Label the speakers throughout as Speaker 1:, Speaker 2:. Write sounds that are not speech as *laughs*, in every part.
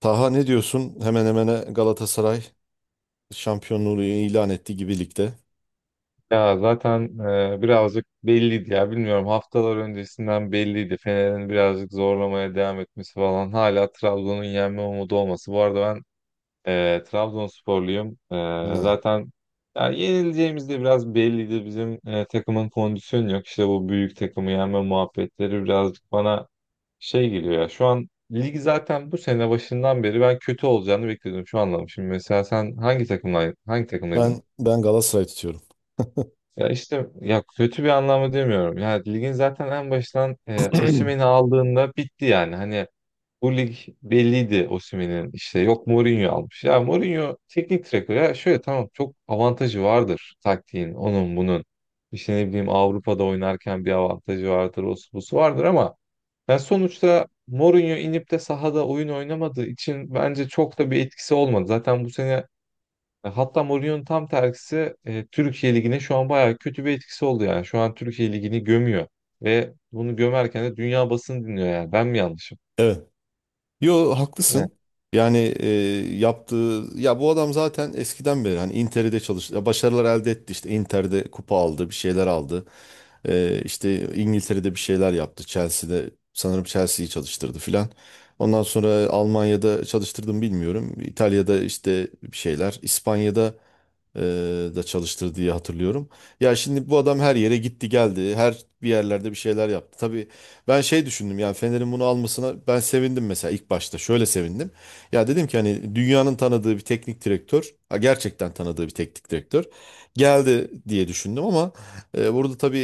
Speaker 1: Taha, ne diyorsun? Hemen hemen Galatasaray şampiyonluğu ilan etti gibi ligde.
Speaker 2: Ya zaten birazcık belliydi ya bilmiyorum haftalar öncesinden belliydi. Fener'in birazcık zorlamaya devam etmesi falan hala Trabzon'un yenme umudu olması. Bu arada ben Trabzonsporluyum.
Speaker 1: Ha.
Speaker 2: Zaten ya yenileceğimiz de biraz belliydi. Bizim takımın kondisyonu yok. İşte bu büyük takımı yenme muhabbetleri birazcık bana şey geliyor ya. Şu an lig zaten bu sene başından beri ben kötü olacağını bekliyordum. Şu anladım. Şimdi mesela sen hangi takımla hangi takımdaydın?
Speaker 1: Ben Galatasaray tutuyorum.
Speaker 2: Ya işte ya kötü bir anlamda demiyorum. Ya ligin zaten en baştan Osimhen'i
Speaker 1: *clears throat*
Speaker 2: aldığında bitti yani. Hani bu lig belliydi Osimhen'in işte yok Mourinho almış. Ya Mourinho teknik direktör ya şöyle tamam çok avantajı vardır taktiğin onun bunun. İşte ne bileyim Avrupa'da oynarken bir avantajı vardır o busu vardır ama ben sonuçta Mourinho inip de sahada oyun oynamadığı için bence çok da bir etkisi olmadı. Zaten bu sene hatta Mourinho'nun tam tersi Türkiye Ligi'ne şu an bayağı kötü bir etkisi oldu yani. Şu an Türkiye Ligi'ni gömüyor ve bunu gömerken de dünya basını dinliyor yani. Ben mi yanlışım?
Speaker 1: Evet. Yo, haklısın. Yani e, yaptığı ya bu adam zaten eskiden beri hani Inter'de çalıştı. Başarılar elde etti, işte Inter'de kupa aldı, bir şeyler aldı. İşte İngiltere'de bir şeyler yaptı. Chelsea'de, sanırım Chelsea'yi çalıştırdı filan. Ondan sonra Almanya'da çalıştırdım bilmiyorum. İtalya'da işte bir şeyler. İspanya'da e, da çalıştır diye hatırlıyorum. Ya şimdi bu adam her yere gitti geldi. Her bir yerlerde bir şeyler yaptı. Tabii ben şey düşündüm, yani Fener'in bunu almasına ben sevindim mesela ilk başta. Şöyle sevindim. Ya dedim ki hani dünyanın tanıdığı bir teknik direktör, ha, gerçekten tanıdığı bir teknik direktör geldi diye düşündüm ama burada tabii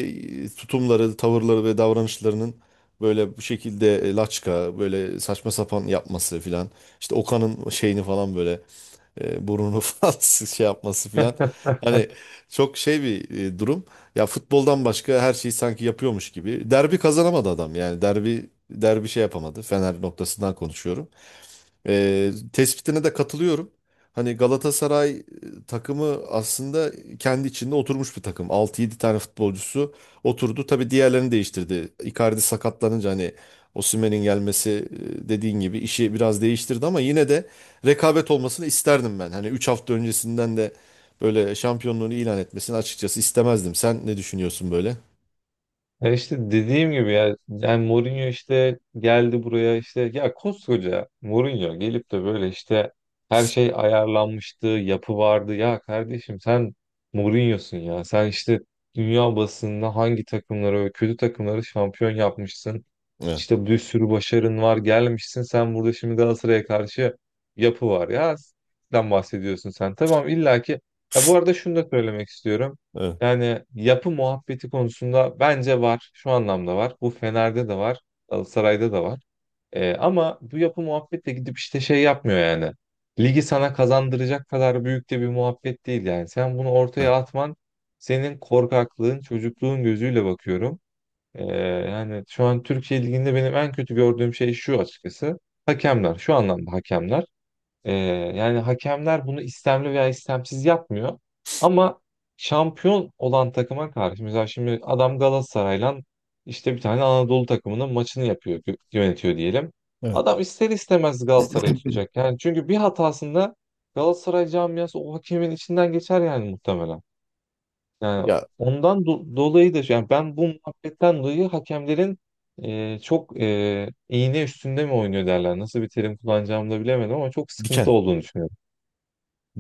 Speaker 1: tutumları, tavırları ve davranışlarının böyle bu şekilde, laçka, böyle saçma sapan yapması filan. İşte Okan'ın şeyini falan böyle burnunu *laughs* falan şey yapması filan. Hani çok şey bir durum. Ya futboldan başka her şeyi sanki yapıyormuş gibi. Derbi kazanamadı adam, yani derbi şey yapamadı. Fener noktasından konuşuyorum. Tespitine de katılıyorum. Hani Galatasaray takımı aslında kendi içinde oturmuş bir takım. Altı yedi tane futbolcusu oturdu. Tabii diğerlerini değiştirdi. Icardi sakatlanınca hani Osimhen'in gelmesi, dediğin gibi, işi biraz değiştirdi ama yine de rekabet olmasını isterdim ben. Hani 3 hafta öncesinden de böyle şampiyonluğunu ilan etmesini açıkçası istemezdim. Sen ne düşünüyorsun böyle?
Speaker 2: Ya işte dediğim gibi ya yani Mourinho işte geldi buraya işte ya koskoca Mourinho gelip de böyle işte her şey ayarlanmıştı, yapı vardı. Ya kardeşim sen Mourinho'sun ya. Sen işte dünya basınında hangi takımları, ve kötü takımları şampiyon yapmışsın.
Speaker 1: Evet.
Speaker 2: İşte bir sürü başarın var, gelmişsin. Sen burada şimdi Galatasaray'a karşı yapı var ya. Sen bahsediyorsun sen. Tamam illaki. Ya bu arada şunu da söylemek istiyorum.
Speaker 1: Evet.
Speaker 2: Yani yapı muhabbeti konusunda bence var. Şu anlamda var. Bu Fener'de de var. Galatasaray'da da var. Ama bu yapı muhabbetle gidip işte şey yapmıyor yani. Ligi sana kazandıracak kadar büyük de bir muhabbet değil yani. Sen bunu ortaya
Speaker 1: Evet.
Speaker 2: atman senin korkaklığın, çocukluğun gözüyle bakıyorum. Ee, Yani şu an Türkiye Ligi'nde benim en kötü gördüğüm şey şu açıkçası. Hakemler. Şu anlamda hakemler. Ee, Yani hakemler bunu istemli veya istemsiz yapmıyor. Ama şampiyon olan takıma karşı mesela şimdi adam Galatasaray'la işte bir tane Anadolu takımının maçını yapıyor, yönetiyor diyelim.
Speaker 1: Evet.
Speaker 2: Adam ister istemez Galatasaray'ı tutacak.
Speaker 1: *clears throat*
Speaker 2: Yani çünkü bir hatasında Galatasaray camiası o hakemin içinden geçer yani muhtemelen. Yani
Speaker 1: Ya
Speaker 2: ondan dolayı da yani ben bu muhabbetten dolayı hakemlerin çok iğne üstünde mi oynuyor derler. Nasıl bir terim kullanacağımı da bilemedim ama çok sıkıntı
Speaker 1: diken.
Speaker 2: olduğunu düşünüyorum.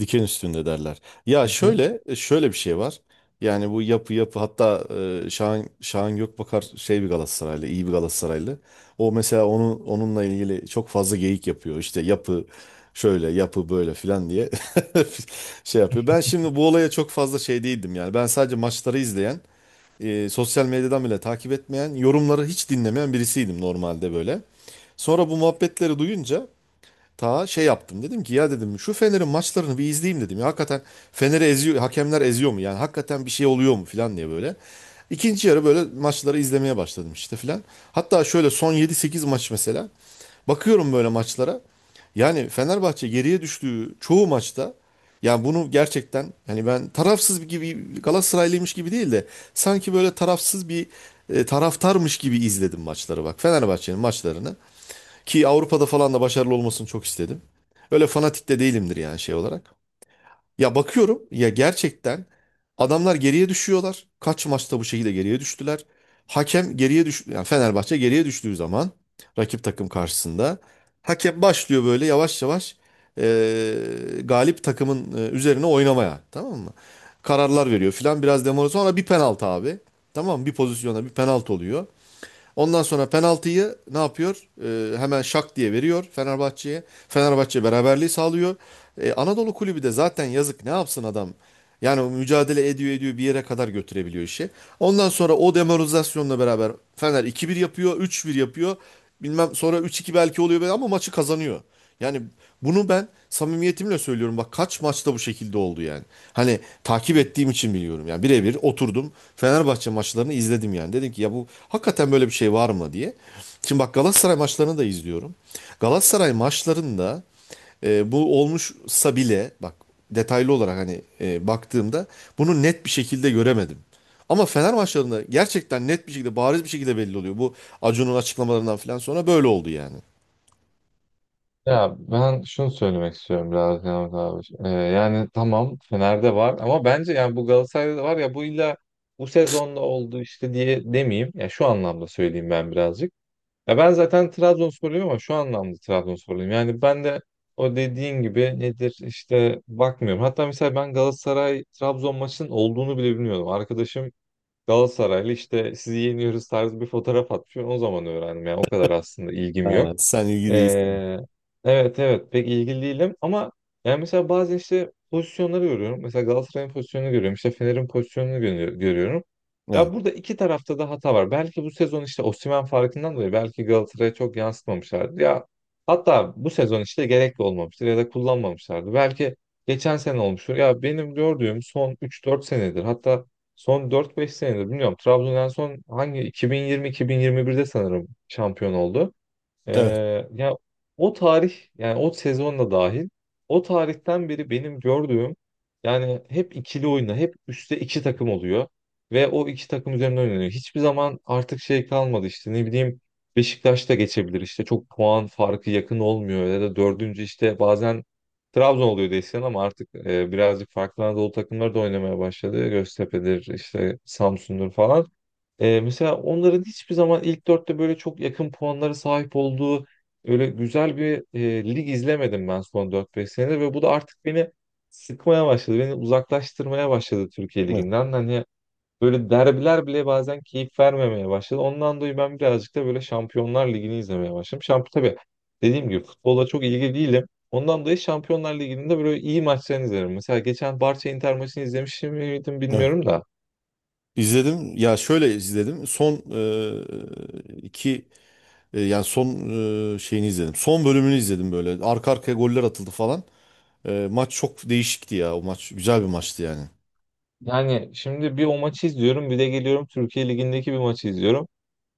Speaker 1: Diken üstünde derler. Ya
Speaker 2: Hı?
Speaker 1: şöyle e, şöyle bir şey var. Yani bu yapı hatta, Şahan Gökbakar şey, bir Galatasaraylı, iyi bir Galatasaraylı. O mesela onunla ilgili çok fazla geyik yapıyor. İşte yapı şöyle, yapı böyle filan diye *laughs* şey yapıyor. Ben şimdi bu olaya çok fazla şey değildim yani. Ben sadece maçları izleyen, sosyal medyadan bile takip etmeyen, yorumları hiç dinlemeyen birisiydim normalde böyle. Sonra bu muhabbetleri duyunca ta şey yaptım. Dedim ki ya, dedim şu Fener'in maçlarını bir izleyeyim dedim. Ya hakikaten Fener'i eziyor, hakemler eziyor mu? Yani hakikaten bir şey oluyor mu falan diye böyle. İkinci yarı böyle maçları izlemeye başladım işte falan. Hatta şöyle son yedi sekiz maç mesela. Bakıyorum böyle maçlara. Yani Fenerbahçe geriye düştüğü çoğu maçta, yani bunu gerçekten, hani ben tarafsız bir gibi Galatasaraylıymış gibi değil de sanki böyle tarafsız bir taraftarmış gibi izledim maçları, bak, Fenerbahçe'nin maçlarını. Ki Avrupa'da falan da başarılı olmasını çok istedim. Öyle fanatik de değilimdir yani şey olarak. Ya bakıyorum, ya gerçekten adamlar geriye düşüyorlar. Kaç maçta bu şekilde geriye düştüler. Hakem geriye düş, yani Fenerbahçe geriye düştüğü zaman rakip takım karşısında hakem başlıyor böyle yavaş yavaş galip takımın üzerine oynamaya, tamam mı? Kararlar veriyor filan, biraz demora, sonra bir penaltı abi. Tamam mı? Bir pozisyona bir penaltı oluyor. Ondan sonra penaltıyı ne yapıyor? Hemen şak diye veriyor Fenerbahçe'ye. Fenerbahçe beraberliği sağlıyor. Anadolu Kulübü de zaten yazık, ne yapsın adam? Yani mücadele ediyor ediyor, bir yere kadar götürebiliyor işi. Ondan sonra o demoralizasyonla beraber Fener iki bir yapıyor, üç bir yapıyor. Bilmem, sonra üç iki belki oluyor ama maçı kazanıyor. Yani bunu ben samimiyetimle söylüyorum. Bak, kaç maçta bu şekilde oldu yani. Hani takip
Speaker 2: Hı.
Speaker 1: ettiğim için biliyorum. Yani birebir oturdum, Fenerbahçe maçlarını izledim yani. Dedim ki ya bu hakikaten böyle bir şey var mı diye. Şimdi bak, Galatasaray maçlarını da izliyorum. Galatasaray maçlarında bu olmuşsa bile, bak, detaylı olarak hani baktığımda bunu net bir şekilde göremedim. Ama Fener maçlarında gerçekten net bir şekilde, bariz bir şekilde belli oluyor. Bu Acun'un açıklamalarından falan sonra böyle oldu yani.
Speaker 2: Ya ben şunu söylemek istiyorum biraz Yavuz abi. Yani tamam Fener'de var ama bence yani bu Galatasaray'da da var ya bu illa bu sezonda oldu işte diye demeyeyim. Ya şu anlamda söyleyeyim ben birazcık. Ya ben zaten Trabzonsporluyum ama şu anlamda Trabzonsporluyum. Yani ben de o dediğin gibi nedir işte bakmıyorum. Hatta mesela ben Galatasaray Trabzon maçının olduğunu bile bilmiyordum. Arkadaşım Galatasaraylı işte sizi yeniyoruz tarzı bir fotoğraf atmış. Ben o zaman öğrendim yani o kadar aslında ilgim yok.
Speaker 1: Ha, sen ilgi değilsin.
Speaker 2: Ee, evet evet pek ilgili değilim ama yani mesela bazen işte pozisyonları görüyorum. Mesela Galatasaray'ın pozisyonunu görüyorum. İşte Fener'in pozisyonunu görüyorum. Ya
Speaker 1: Evet,
Speaker 2: burada iki tarafta da hata var. Belki bu sezon işte Osimhen farkından dolayı belki Galatasaray'a çok yansıtmamışlardı. Ya hatta bu sezon işte gerekli olmamıştır ya da kullanmamışlardı. Belki geçen sene olmuştur. Ya benim gördüğüm son üç dört senedir hatta son dört beş senedir bilmiyorum. Trabzon en son hangi 2020-2021'de sanırım şampiyon oldu.
Speaker 1: evet,
Speaker 2: Ya o tarih yani o sezon da dahil o tarihten beri benim gördüğüm yani hep ikili oyuna hep üstte iki takım oluyor ve o iki takım üzerinde oynanıyor. Hiçbir zaman artık şey kalmadı işte ne bileyim Beşiktaş da geçebilir işte çok puan farkı yakın olmuyor ya da dördüncü işte bazen Trabzon oluyor desen ama artık birazcık farklı Anadolu takımları da oynamaya başladı. Göztepe'dir işte Samsun'dur falan. Mesela onların hiçbir zaman ilk dörtte böyle çok yakın puanlara sahip olduğu öyle güzel bir lig izlemedim ben son dört beş senede ve bu da artık beni sıkmaya başladı. Beni uzaklaştırmaya başladı Türkiye
Speaker 1: evet,
Speaker 2: Ligi'nden. Hani böyle derbiler bile bazen keyif vermemeye başladı. Ondan dolayı ben birazcık da böyle Şampiyonlar Ligi'ni izlemeye başladım. Şamp tabii dediğim gibi futbola çok ilgili değilim. Ondan dolayı Şampiyonlar Ligi'nin de böyle iyi maçlarını izlerim. Mesela geçen Barça Inter maçını izlemiş miydim
Speaker 1: evet.
Speaker 2: bilmiyorum da.
Speaker 1: İzledim. Ya şöyle izledim. Son e, iki e, yani son e, şeyini izledim. Son bölümünü izledim böyle. Arka arkaya goller atıldı falan. E, maç çok değişikti ya. O maç güzel bir maçtı yani.
Speaker 2: Yani şimdi bir o maçı izliyorum bir de geliyorum Türkiye Ligi'ndeki bir maçı izliyorum.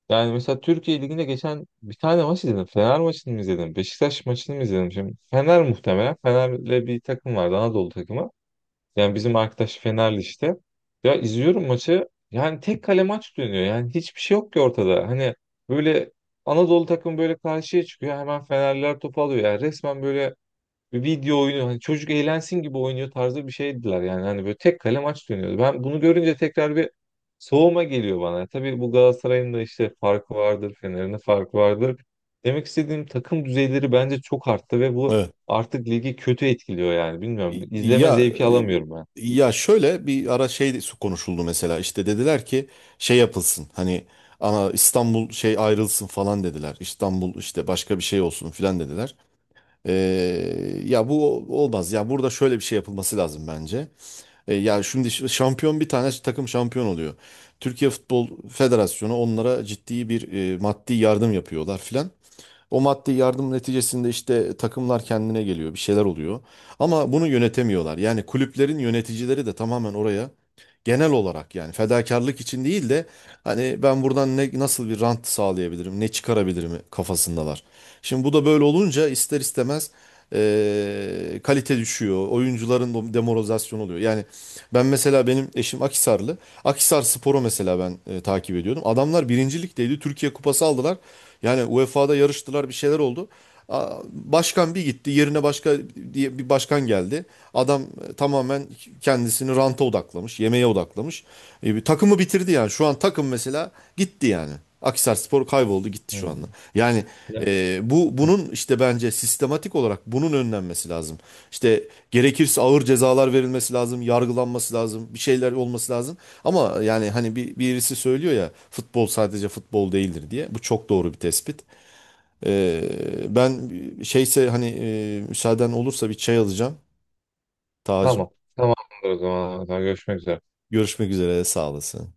Speaker 2: Yani mesela Türkiye Ligi'nde geçen bir tane maç izledim. Fener maçını mı izledim? Beşiktaş maçını mı izledim? Şimdi Fener muhtemelen. Fener'le bir takım vardı Anadolu takımı. Yani bizim arkadaş Fenerli işte. Ya izliyorum maçı. Yani tek kale maç dönüyor. Yani hiçbir şey yok ki ortada. Hani böyle Anadolu takımı böyle karşıya çıkıyor. Hemen Fenerliler topu alıyor. Yani resmen böyle bir video oyunu hani çocuk eğlensin gibi oynuyor tarzı bir şeydiler yani hani böyle tek kale maç dönüyordu. Ben bunu görünce tekrar bir soğuma geliyor bana. Tabii bu Galatasaray'ın da işte farkı vardır, Fener'in de farkı vardır. Demek istediğim takım düzeyleri bence çok arttı ve bu
Speaker 1: Evet.
Speaker 2: artık ligi kötü etkiliyor yani bilmiyorum. İzleme
Speaker 1: Ya
Speaker 2: zevki alamıyorum ben.
Speaker 1: e, ya şöyle bir ara şey de konuşuldu mesela. İşte dediler ki şey yapılsın. Hani ana İstanbul şey ayrılsın falan dediler. İstanbul işte başka bir şey olsun filan dediler. Ya bu olmaz. Ya burada şöyle bir şey yapılması lazım bence. Ya şimdi şampiyon, bir tane takım şampiyon oluyor. Türkiye Futbol Federasyonu onlara ciddi bir maddi yardım yapıyorlar filan. O maddi yardım neticesinde işte takımlar kendine geliyor, bir şeyler oluyor. Ama bunu yönetemiyorlar. Yani kulüplerin yöneticileri de tamamen oraya, genel olarak yani fedakarlık için değil de hani ben buradan ne, nasıl bir rant sağlayabilirim, ne çıkarabilirim kafasındalar. Şimdi bu da böyle olunca ister istemez kalite düşüyor, oyuncuların demoralizasyonu oluyor. Yani ben mesela, benim eşim Akhisarlı. Akhisar Spor'u mesela ben takip ediyordum. Adamlar birinci ligdeydi. Türkiye Kupası aldılar. Yani UEFA'da yarıştılar, bir şeyler oldu. Aa, başkan bir gitti, yerine başka diye bir başkan geldi. Adam tamamen kendisini ranta odaklamış, yemeğe odaklamış. E, bir takımı bitirdi yani. Şu an takım mesela gitti yani. Akhisarspor kayboldu gitti şu anda.
Speaker 2: Hmm.
Speaker 1: Yani
Speaker 2: Ya-
Speaker 1: e, bu bunun işte bence sistematik olarak bunun önlenmesi lazım. İşte gerekirse ağır cezalar verilmesi lazım, yargılanması lazım, bir şeyler olması lazım. Ama yani hani bir birisi söylüyor ya futbol sadece futbol değildir diye. Bu çok doğru bir tespit. E, ben şeyse hani müsaaden olursa bir çay alacağım Tacım.
Speaker 2: Tamam. Tamamdır o zaman. Görüşmek üzere.
Speaker 1: Görüşmek üzere, sağ olasın.